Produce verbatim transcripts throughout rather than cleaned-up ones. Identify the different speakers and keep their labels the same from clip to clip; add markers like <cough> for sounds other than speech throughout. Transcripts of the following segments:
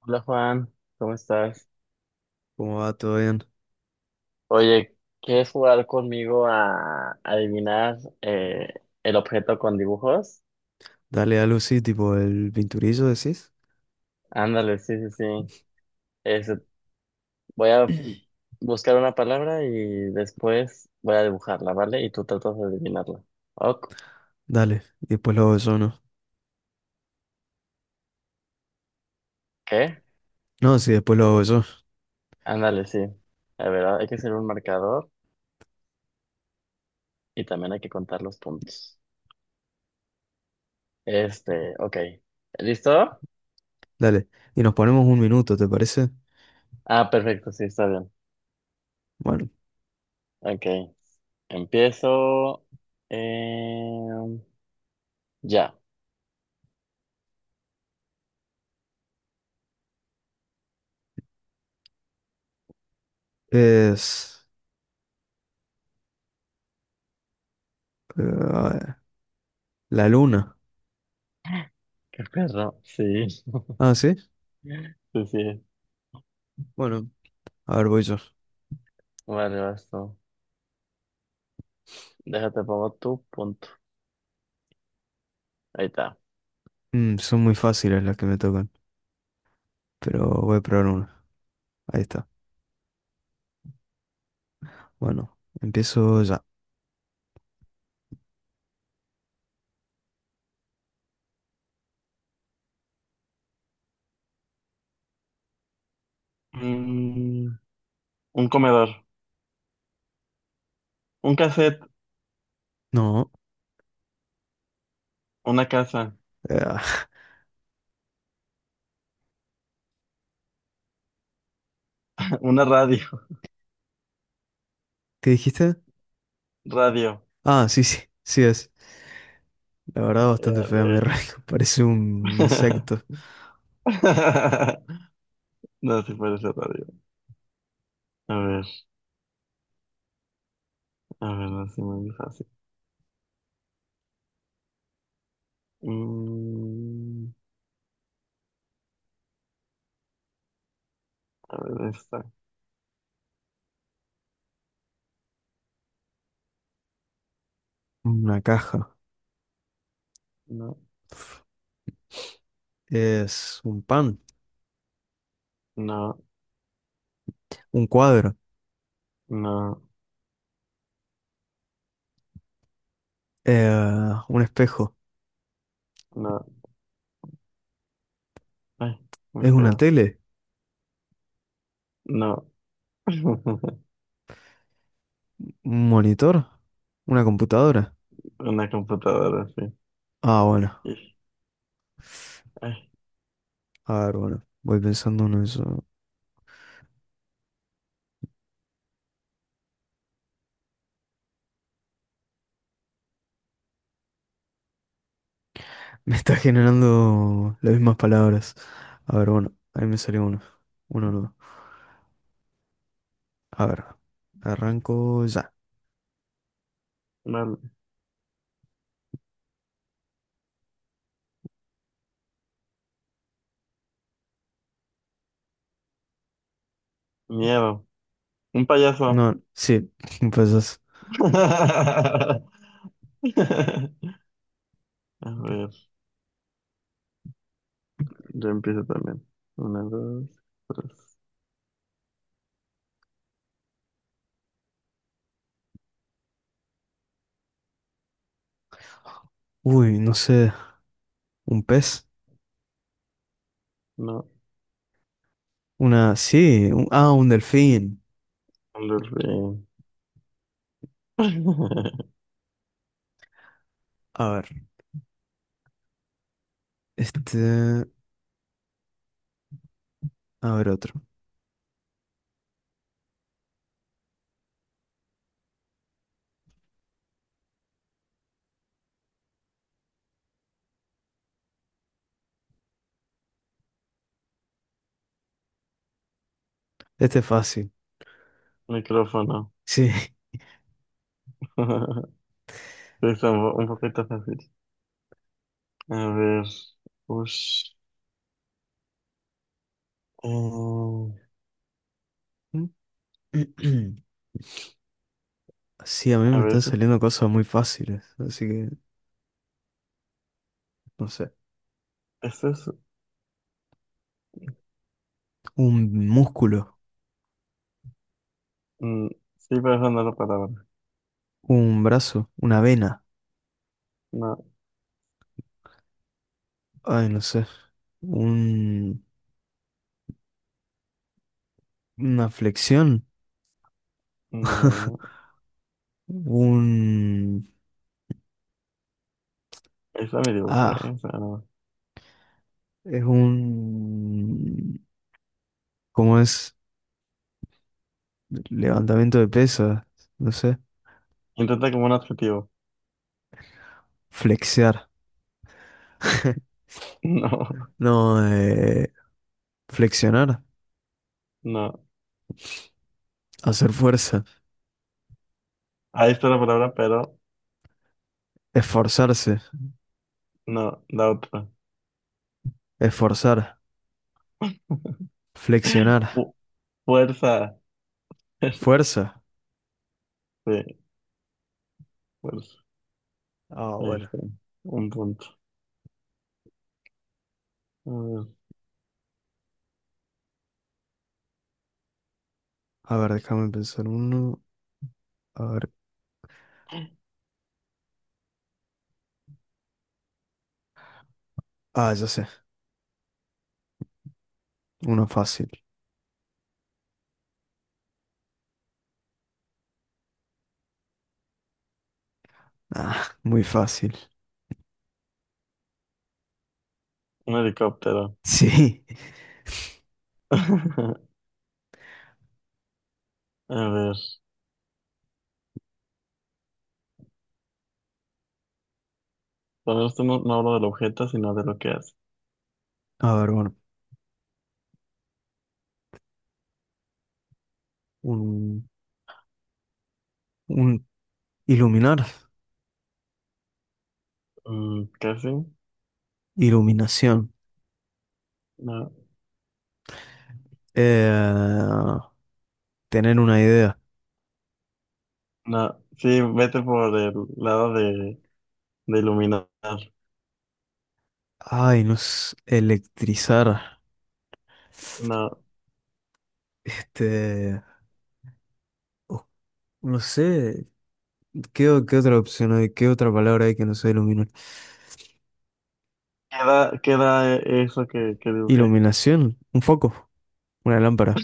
Speaker 1: Hola Juan, ¿cómo estás?
Speaker 2: ¿Cómo va? ¿Todo bien?
Speaker 1: Oye, ¿quieres jugar conmigo a adivinar eh, el objeto con dibujos?
Speaker 2: Dale a Lucy, tipo el pinturizo, decís.
Speaker 1: Ándale, sí, sí, sí. Este, voy a buscar una palabra y después voy a dibujarla, ¿vale? Y tú tratas de adivinarla. Ok.
Speaker 2: Dale, y después lo hago yo, ¿no?
Speaker 1: ¿Qué?
Speaker 2: No, sí, después lo hago yo.
Speaker 1: Ándale, sí. A ver, hay que hacer un marcador y también hay que contar los puntos. Este, ok. ¿Listo?
Speaker 2: Dale, y nos ponemos un minuto, ¿te parece?
Speaker 1: Ah, perfecto, sí, está bien.
Speaker 2: Bueno,
Speaker 1: Ok, empiezo. Eh... Ya.
Speaker 2: es... eh, a ver, la luna.
Speaker 1: Qué perro. Sí.
Speaker 2: Ah, ¿sí?
Speaker 1: <laughs> Sí, sí.
Speaker 2: Bueno, a ver, voy yo.
Speaker 1: Vale, vas tú. Déjate pongo tu punto. Ahí está.
Speaker 2: Mm, son muy fáciles las que me tocan, pero voy a probar una. Ahí está. Bueno, empiezo ya.
Speaker 1: Mm, un comedor, un cassette,
Speaker 2: No.
Speaker 1: una casa,
Speaker 2: Ah,
Speaker 1: <laughs> una radio,
Speaker 2: ¿qué dijiste?
Speaker 1: radio.
Speaker 2: Ah, sí, sí, sí es. La verdad, bastante
Speaker 1: Eh,
Speaker 2: fea mi
Speaker 1: güey.
Speaker 2: rayo. <laughs> Parece un insecto,
Speaker 1: <laughs> No, si puede ser radio. A ver, a ver, no, sí, muy fácil. Mm, a ver, esta.
Speaker 2: una caja.
Speaker 1: No,
Speaker 2: Es un pan,
Speaker 1: no,
Speaker 2: un cuadro,
Speaker 1: no,
Speaker 2: eh, un espejo.
Speaker 1: no. Ay, muy
Speaker 2: ¿Es una
Speaker 1: feo.
Speaker 2: tele?
Speaker 1: No. <laughs>
Speaker 2: ¿Un monitor? ¿Una computadora?
Speaker 1: Una computadora, sí.
Speaker 2: Ah, bueno.
Speaker 1: Ay.
Speaker 2: A ver, bueno. Voy pensando en eso. Me está generando las mismas palabras. A ver, bueno. Ahí me salió uno. Uno no. A ver. Arranco ya.
Speaker 1: Vale, miedo. Un payaso.
Speaker 2: No, sí. <laughs> Empezás.
Speaker 1: <laughs> A ver, yo empiezo también. Una, dos, tres.
Speaker 2: Uy, no sé. ¿Un pez?
Speaker 1: No,
Speaker 2: Una... Sí, un- ah, un delfín.
Speaker 1: Andolfín. <laughs>
Speaker 2: A ver, este... A ver otro. Este es fácil.
Speaker 1: Micrófono.
Speaker 2: Sí.
Speaker 1: <laughs> Sí, está un, po- un poquito fácil. A ver. Ush. Eh,
Speaker 2: <clears throat> Sí, a mí
Speaker 1: a
Speaker 2: me
Speaker 1: ver,
Speaker 2: están
Speaker 1: eso,
Speaker 2: saliendo cosas muy fáciles, así que no sé.
Speaker 1: eso es.
Speaker 2: Un músculo,
Speaker 1: Mm, sí, pero eso no es la palabra.
Speaker 2: un brazo, una vena,
Speaker 1: No,
Speaker 2: ay, no sé. Un, una flexión,
Speaker 1: no.
Speaker 2: un...
Speaker 1: Esa me dibujo, ¿eh?
Speaker 2: Ah,
Speaker 1: Esa no.
Speaker 2: es un... ¿Cómo es? Levantamiento de pesas, no sé.
Speaker 1: Intenta como un adjetivo.
Speaker 2: Flexear. <laughs>
Speaker 1: <laughs> No,
Speaker 2: No, eh, flexionar,
Speaker 1: no.
Speaker 2: hacer fuerza,
Speaker 1: Ahí está la palabra, pero.
Speaker 2: esforzarse,
Speaker 1: No, la otra.
Speaker 2: esforzar, flexionar,
Speaker 1: Fu- Fuerza. <laughs>
Speaker 2: fuerza.
Speaker 1: Fuerza. Sí, fuerza.
Speaker 2: Ah,
Speaker 1: Ahí
Speaker 2: bueno.
Speaker 1: está. Un punto. A ver,
Speaker 2: A ver, déjame pensar uno. A ver. Ah, ya sé. Uno fácil. Ah, muy fácil. <laughs>
Speaker 1: un helicóptero.
Speaker 2: Sí.
Speaker 1: <laughs> A ver. Bueno, esto no, no hablo del objeto, sino de lo que hace.
Speaker 2: A ver, bueno. Un, un iluminar,
Speaker 1: Mm, casi.
Speaker 2: iluminación.
Speaker 1: No,
Speaker 2: Eh, tener una idea.
Speaker 1: no. Sí, vete por el lado de, de iluminar.
Speaker 2: Ay, no sé, electrizar.
Speaker 1: No.
Speaker 2: Este, oh, no sé, ¿qué, o- qué otra opción hay? ¿Qué otra palabra hay que no sea iluminar?
Speaker 1: Queda, queda eh, eso que, que dibujé.
Speaker 2: Iluminación, un foco, una lámpara.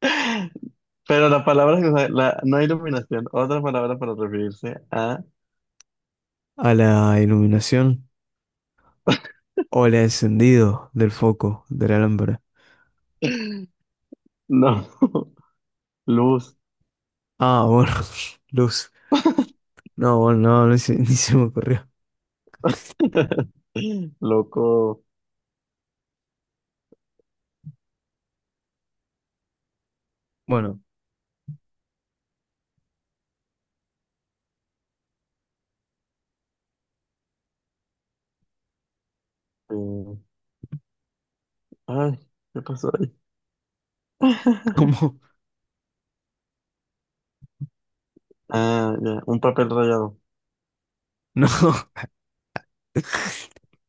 Speaker 1: <laughs> Pero la palabra que usa- la, no iluminación, otra palabra para referirse a.
Speaker 2: A la iluminación o el encendido del foco de la lámpara.
Speaker 1: <laughs> No. <laughs> Luz.
Speaker 2: Ah, bueno, <laughs> luz. No, bueno, no, no se- <laughs> ni se me ocurrió.
Speaker 1: <laughs> Loco.
Speaker 2: Bueno,
Speaker 1: eh, Ay, ¿qué pasó ahí? <laughs>
Speaker 2: ¿cómo? <laughs>
Speaker 1: Ah, ya, un papel rayado.
Speaker 2: No,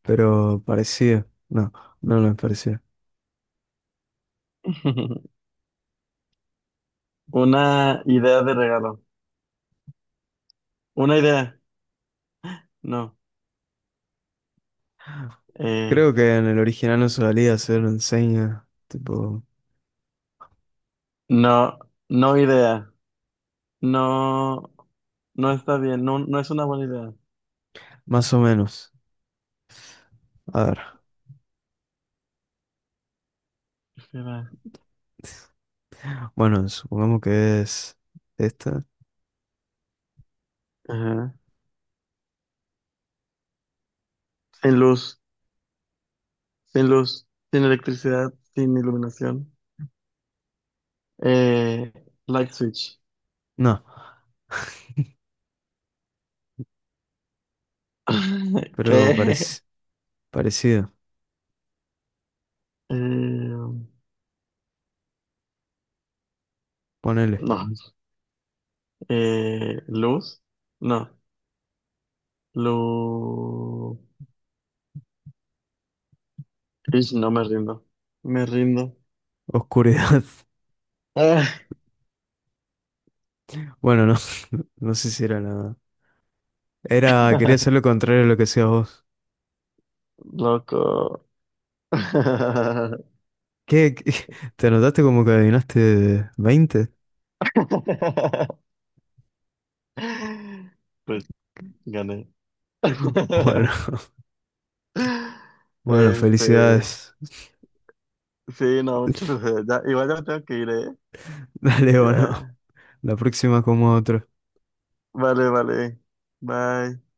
Speaker 2: pero parecido. No, no, no es parecido.
Speaker 1: <laughs> Una idea de regalo. Una idea. No. Eh,
Speaker 2: Creo que en el original no se valía hacer enseña, tipo,
Speaker 1: no, no idea. No, no está bien. No, no es una buena idea.
Speaker 2: más o menos. A ver,
Speaker 1: Espera.
Speaker 2: bueno, supongamos que es esta.
Speaker 1: Ajá. Sin luz, sin luz, sin electricidad, sin iluminación. Eh, light switch.
Speaker 2: No,
Speaker 1: <laughs>
Speaker 2: pero
Speaker 1: ¿Qué?
Speaker 2: parec- parecido.
Speaker 1: Eh,
Speaker 2: Ponele.
Speaker 1: no, Eh, luz. No. Luz. Ish, no me rindo. Me rindo.
Speaker 2: Oscuridad. <laughs>
Speaker 1: Ah,
Speaker 2: Bueno, no. No sé si era nada. Era, quería hacer
Speaker 1: <laughs>
Speaker 2: lo contrario a lo que hacías vos.
Speaker 1: loco. <laughs>
Speaker 2: ¿Qué, qué? <laughs> te notaste como que adivinaste veinte.
Speaker 1: Pues gané.
Speaker 2: Bueno,
Speaker 1: <laughs>
Speaker 2: <laughs> bueno,
Speaker 1: Este.
Speaker 2: felicidades.
Speaker 1: Sí, no, muchas gracias. Ya, igual ya me tengo que ir, ¿eh?
Speaker 2: <laughs> Dale, o no.
Speaker 1: Ya.
Speaker 2: La próxima como otro.
Speaker 1: Vale, vale. Bye.